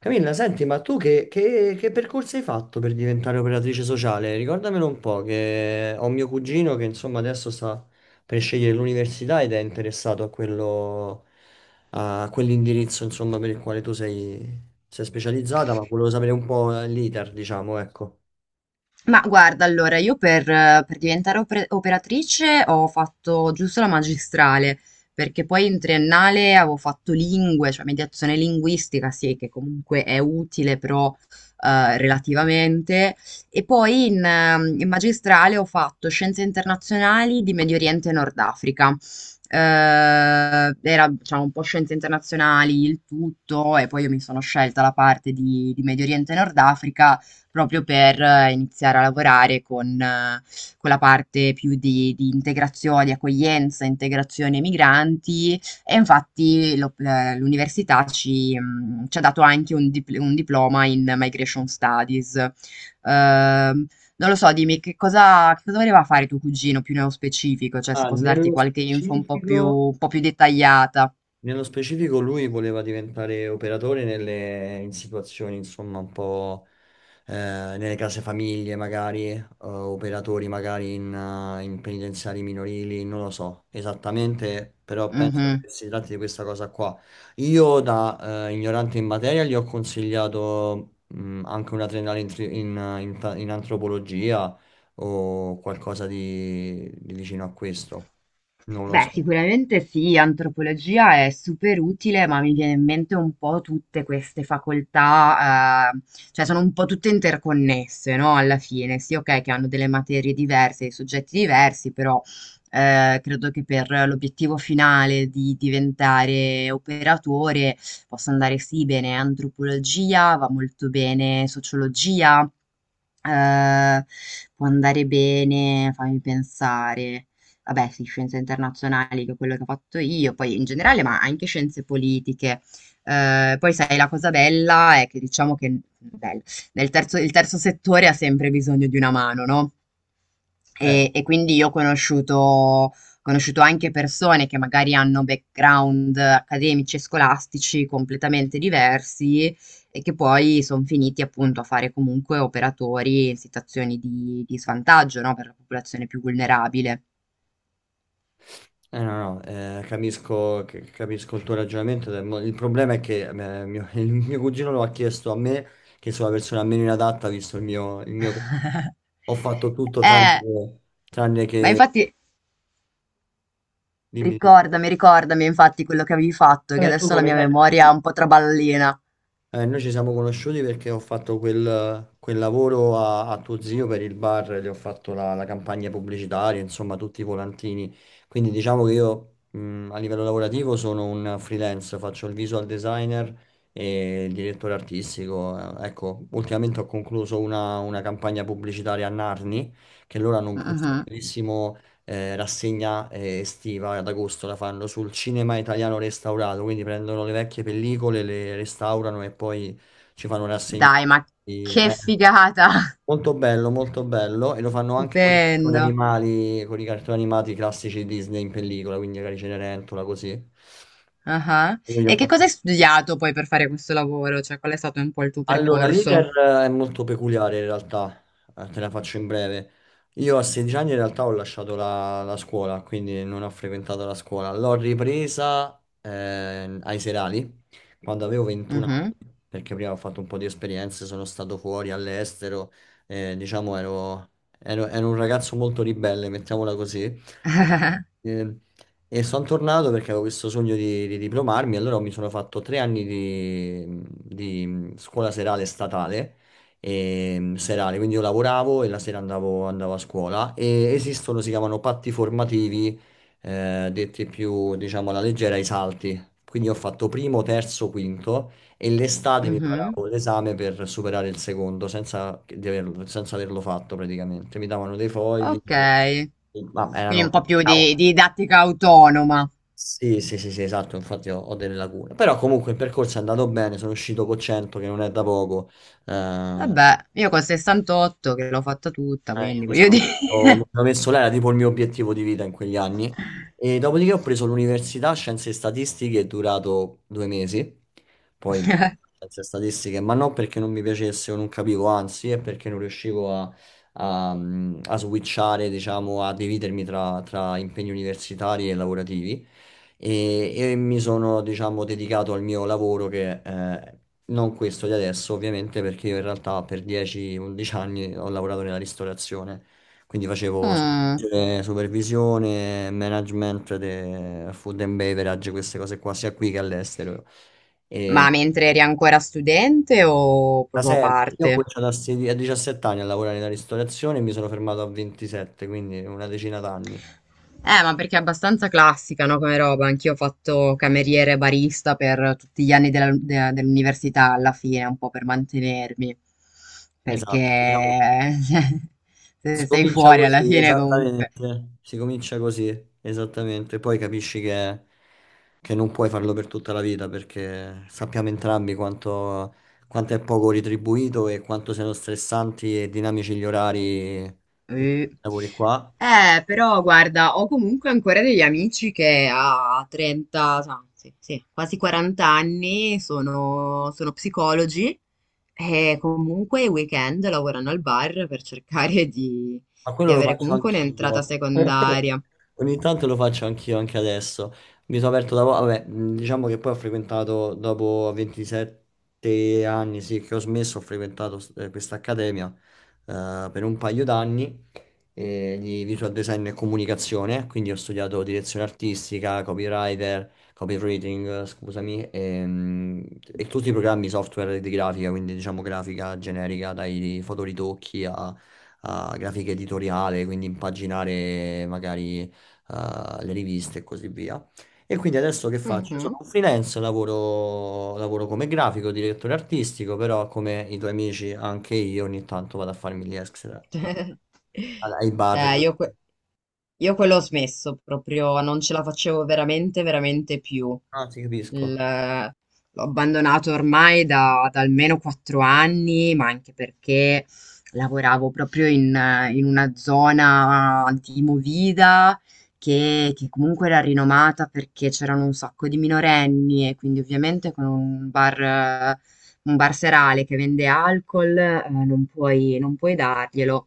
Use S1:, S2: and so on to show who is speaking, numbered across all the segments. S1: Camilla, senti, ma tu che percorso hai fatto per diventare operatrice sociale? Ricordamelo un po', che ho mio cugino che insomma adesso sta per scegliere l'università ed è interessato a quello, a quell'indirizzo insomma per il quale tu sei specializzata, ma volevo sapere un po' l'iter, diciamo, ecco.
S2: Ma guarda, allora, io per diventare operatrice ho fatto giusto la magistrale, perché poi in triennale avevo fatto lingue, cioè mediazione linguistica, sì, che comunque è utile, però relativamente. E poi in magistrale ho fatto scienze internazionali di Medio Oriente e Nord Africa. Era, diciamo, un po' scienze internazionali il tutto, e poi io mi sono scelta la parte di Medio Oriente e Nord Africa proprio per iniziare a lavorare con la parte più di integrazione, di accoglienza, integrazione migranti e infatti l'università ci ha dato anche un diploma in Migration Studies. Ehm, non lo so, dimmi che cosa voleva fare tuo cugino più nello specifico, cioè se
S1: Ah,
S2: posso darti
S1: nello
S2: qualche info un po' più,
S1: specifico...
S2: un po' più dettagliata.
S1: Nello specifico lui voleva diventare operatore nelle, in situazioni, insomma, un po' nelle case famiglie, magari, operatori magari in, in penitenziari minorili, non lo so esattamente, però penso
S2: Mhm.
S1: che si tratti di questa cosa qua. Io da ignorante in materia gli ho consigliato anche una triennale in, tri- in, in ta- in antropologia o qualcosa di vicino a questo, non lo
S2: Beh,
S1: so.
S2: sicuramente sì, antropologia è super utile, ma mi viene in mente un po' tutte queste facoltà, cioè sono un po' tutte interconnesse, no? Alla fine, sì, ok, che hanno delle materie diverse, dei soggetti diversi, però credo che per l'obiettivo finale di diventare operatore possa andare sì bene antropologia, va molto bene sociologia. Ehm, può andare bene, fammi pensare. Vabbè, sì, scienze internazionali, che è quello che ho fatto io, poi in generale, ma anche scienze politiche. Poi sai, la cosa bella è che diciamo che bello, il terzo settore ha sempre bisogno di una mano, no?
S1: Beh,
S2: E quindi io ho conosciuto anche persone che magari hanno background accademici e scolastici completamente diversi, e che poi son finiti appunto a fare comunque operatori in situazioni di svantaggio, no, per la popolazione più vulnerabile.
S1: No, no, capisco, capisco il tuo ragionamento. Il problema è che il mio cugino lo ha chiesto a me, che sono la persona meno inadatta, visto il mio... Ho fatto tutto tranne
S2: Eh,
S1: che... Tranne
S2: ma
S1: che...
S2: infatti
S1: Dimmi, dimmi.
S2: ricordami infatti quello che avevi fatto, che
S1: Vabbè, tu
S2: adesso la
S1: come
S2: mia
S1: sai.
S2: memoria è un po' traballina.
S1: Noi ci siamo conosciuti perché ho fatto quel lavoro a tuo zio per il bar, gli ho fatto la campagna pubblicitaria, insomma, tutti i volantini. Quindi diciamo che io a livello lavorativo sono un freelance, faccio il visual designer e il direttore artistico. Ecco, ultimamente ho concluso una campagna pubblicitaria a Narni, che loro hanno questo
S2: Mh-mh.
S1: bellissimo rassegna estiva ad agosto la fanno sul cinema italiano restaurato, quindi prendono le vecchie pellicole, le restaurano e poi ci fanno rassegna.
S2: Dai, ma
S1: Eh,
S2: che figata!
S1: molto bello e lo fanno anche con i cartoni
S2: Stupendo.
S1: animali, con i cartoni animati classici Disney in pellicola, quindi magari Cenerentola così.
S2: Ah-ah.
S1: Io gli ho
S2: E che cosa
S1: fatto.
S2: hai studiato poi per fare questo lavoro? Cioè, qual è stato un po' il tuo
S1: Allora,
S2: percorso?
S1: l'iter è molto peculiare in realtà, te la faccio in breve. Io a 16 anni in realtà ho lasciato la scuola, quindi non ho frequentato la scuola. L'ho ripresa ai serali quando avevo 21
S2: Mh-mh.
S1: anni, perché prima ho fatto un po' di esperienze, sono stato fuori all'estero, diciamo ero, ero un ragazzo molto ribelle, mettiamola così. E, e sono tornato perché avevo questo sogno di diplomarmi, allora mi sono fatto tre anni di scuola serale statale, e, serale, quindi io lavoravo e la sera andavo a scuola e esistono, si chiamano patti formativi, detti più, diciamo, alla leggera, i salti. Quindi ho fatto primo, terzo, quinto e l'estate mi
S2: Mh-mh.
S1: preparavo l'esame per superare il secondo senza averlo fatto praticamente. Mi davano dei fogli,
S2: Okay.
S1: ma
S2: Quindi
S1: erano...
S2: un po' più di didattica autonoma.
S1: Sì, sì, sì, sì, esatto, infatti ho delle lacune. Però comunque il percorso è andato bene, sono uscito con 100, che non è da poco. Eh, eh,
S2: Vabbè, io col 68 che l'ho fatta tutta,
S1: io
S2: quindi voglio
S1: mi
S2: dire.
S1: sono messo, là, era tipo il mio obiettivo di vita in quegli anni. E dopodiché ho preso l'università, scienze e statistiche, è durato due mesi. Poi bah, scienze e statistiche, ma non perché non mi piacesse o non capivo, anzi, è perché non riuscivo a switchare, diciamo, a dividermi tra impegni universitari e lavorativi e mi sono, diciamo, dedicato al mio lavoro che non questo di adesso, ovviamente, perché io in realtà per 10-11 anni ho lavorato nella ristorazione, quindi facevo
S2: Mh.
S1: supervisione, management, food and beverage, queste cose qua, sia qui che all'estero. E
S2: Ma mentre eri ancora studente o
S1: da
S2: proprio a
S1: sempre, io ho
S2: parte?
S1: cominciato a 17 anni a lavorare nella ristorazione e mi sono fermato a 27, quindi una decina d'anni.
S2: Ma perché è abbastanza classica, no, come roba. Anch'io ho fatto cameriere e barista per tutti gli anni dell'università alla fine, un po' per mantenermi.
S1: Esatto, diciamo.
S2: Perché
S1: Si
S2: se sei
S1: comincia
S2: fuori alla
S1: così,
S2: fine comunque.
S1: esattamente. Si comincia così, esattamente. Poi capisci che non puoi farlo per tutta la vita perché sappiamo entrambi quanto è poco ritribuito e quanto siano stressanti e dinamici gli orari, i
S2: Eh,
S1: lavori qua.
S2: però guarda, ho comunque ancora degli amici che a 30, sì, sì, quasi 40 anni sono psicologi e comunque i weekend lavorano al bar per cercare di,
S1: Ma
S2: di
S1: quello lo
S2: avere
S1: faccio
S2: comunque un'entrata
S1: anch'io.
S2: secondaria.
S1: Ogni tanto lo faccio anch'io, anche adesso. Mi sono aperto da poco, vabbè, diciamo che poi ho frequentato dopo 27 anni, sì, che ho smesso, ho frequentato questa accademia per un paio d'anni di visual design e comunicazione, quindi ho studiato direzione artistica, copywriter, copywriting, scusami, e tutti i programmi software di grafica, quindi diciamo grafica generica, dai fotoritocchi a grafica editoriale, quindi impaginare magari le riviste e così via. E quindi adesso che faccio? Sono
S2: Mhm.
S1: un freelance, lavoro come grafico, direttore artistico, però come i tuoi amici anche io ogni tanto vado a farmi gli extra ai bar.
S2: Eh, io,
S1: Così.
S2: que- io quello ho smesso proprio, non ce la facevo veramente, veramente più.
S1: Ah, ti
S2: Il-
S1: capisco.
S2: L'ho abbandonato ormai da almeno 4 anni, ma anche perché lavoravo proprio in una zona di Movida che comunque era rinomata perché c'erano un sacco di minorenni e quindi ovviamente con un barserale che vende alcol, non puoi darglielo.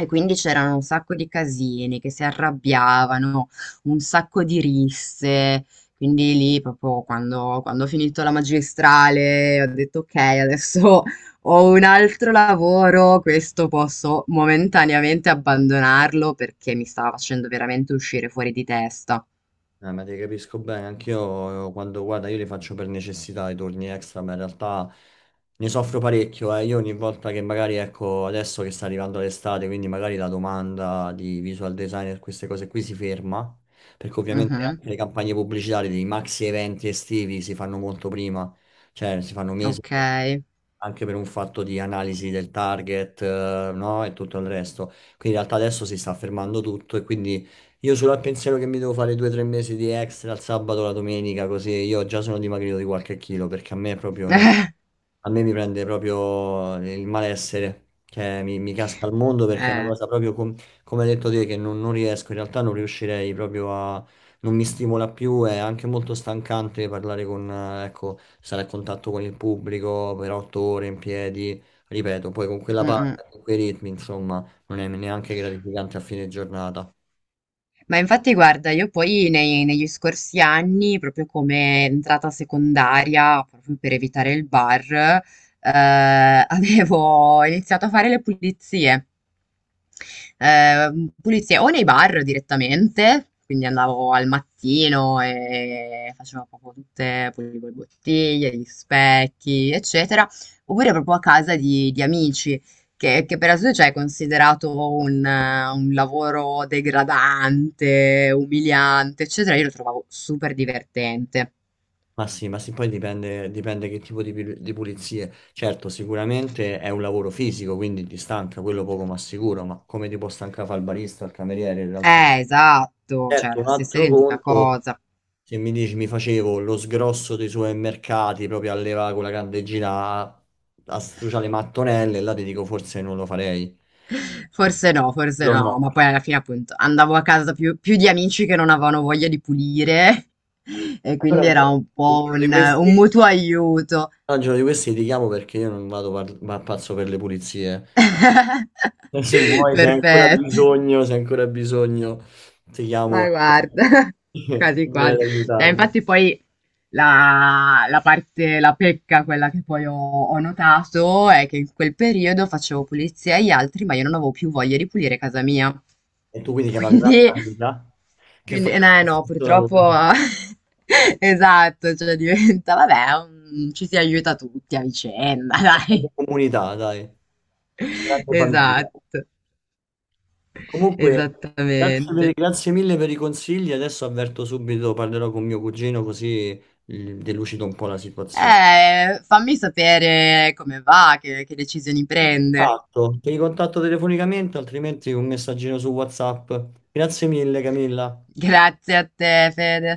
S2: E quindi c'erano un sacco di casini che si arrabbiavano, un sacco di risse. Quindi lì, proprio quando ho finito la magistrale, ho detto: Ok, adesso ho un altro lavoro, questo posso momentaneamente abbandonarlo perché mi stava facendo veramente uscire fuori di testa.
S1: Ma ti capisco bene, anch'io quando guarda, io li faccio per necessità i turni extra, ma in realtà ne soffro parecchio. Eh. Io ogni volta che magari, ecco, adesso che sta arrivando l'estate, quindi magari la domanda di visual designer, queste cose qui si ferma, perché ovviamente
S2: Mhm,
S1: anche le campagne pubblicitarie dei maxi eventi estivi si fanno molto prima, cioè si fanno mesi,
S2: ok.
S1: anche per un fatto di analisi del target, no? E tutto il resto. Quindi in realtà adesso si sta fermando tutto e quindi io solo al pensiero che mi devo fare due o tre mesi di extra il sabato, la domenica, così io già sono dimagrito di qualche chilo perché a me proprio non... a me mi prende proprio il malessere, cioè mi casca al mondo perché è una
S2: Eh.
S1: cosa proprio come hai detto te che non, non riesco, in realtà non riuscirei proprio a... non mi stimola più, è anche molto stancante parlare con, ecco, stare a contatto con il pubblico per otto ore in piedi, ripeto, poi con quella
S2: Mm, mm.
S1: parte, con quei ritmi, insomma, non è neanche gratificante a fine giornata.
S2: Ma infatti guarda, io poi negli scorsi anni, proprio come entrata secondaria, proprio per evitare il bar, eh, avevo iniziato a fare le pulizie. Pulizie o nei bar direttamente, quindi andavo al mattino e facevo proprio tutte, pulivo le bottiglie, gli specchi, eccetera, oppure proprio a casa di amici, che per adesso cioè, è considerato un lavoro degradante, umiliante, eccetera, io lo trovavo super divertente.
S1: Ma sì, poi dipende, dipende che tipo di pulizie. Certo, sicuramente è un lavoro fisico, quindi ti stanca, quello poco ma sicuro, ma come ti può stancare fare il barista, il cameriere in realtà?
S2: Esatto, cioè
S1: Certo, un
S2: la stessa
S1: altro
S2: identica
S1: conto,
S2: cosa.
S1: se mi dici mi facevo lo sgrosso dei supermercati proprio a levare con la candeggina a, a struciare le mattonelle, là ti dico forse non lo farei.
S2: Forse
S1: Lo
S2: no,
S1: no.
S2: ma poi alla fine appunto andavo a casa più di amici che non avevano voglia di pulire e quindi
S1: Allora,
S2: era
S1: gio-
S2: un
S1: il
S2: po'
S1: giorno di
S2: un
S1: questi,
S2: mutuo aiuto.
S1: no, il giorno di questi ti chiamo perché io non ma pazzo per le pulizie. E se vuoi,
S2: Perfetto.
S1: se hai ancora bisogno, ti chiamo
S2: Ma guarda,
S1: e
S2: quasi
S1: vieni
S2: quasi.
S1: ad
S2: Dai,
S1: aiutarmi.
S2: infatti poi la parte, la pecca, quella che poi ho notato, è che in quel periodo facevo pulizia agli altri, ma io non avevo più voglia di pulire casa mia.
S1: E tu quindi chiamavi un'altra
S2: Quindi,
S1: amica che faceva
S2: no,
S1: lo
S2: no,
S1: stesso lavoro.
S2: purtroppo,
S1: Una
S2: esatto, cioè diventa, vabbè, ci si aiuta tutti a vicenda, dai.
S1: grande comunità, dai, una grande famiglia.
S2: Esatto,
S1: Comunque,
S2: esattamente.
S1: grazie mille per i consigli. Adesso avverto subito, parlerò con mio cugino così delucido un po' la situazione.
S2: Fammi sapere come va, che decisioni prende.
S1: Ti ricontatto telefonicamente, altrimenti un messaggino su WhatsApp. Grazie mille, Camilla.
S2: Grazie a te, Fede.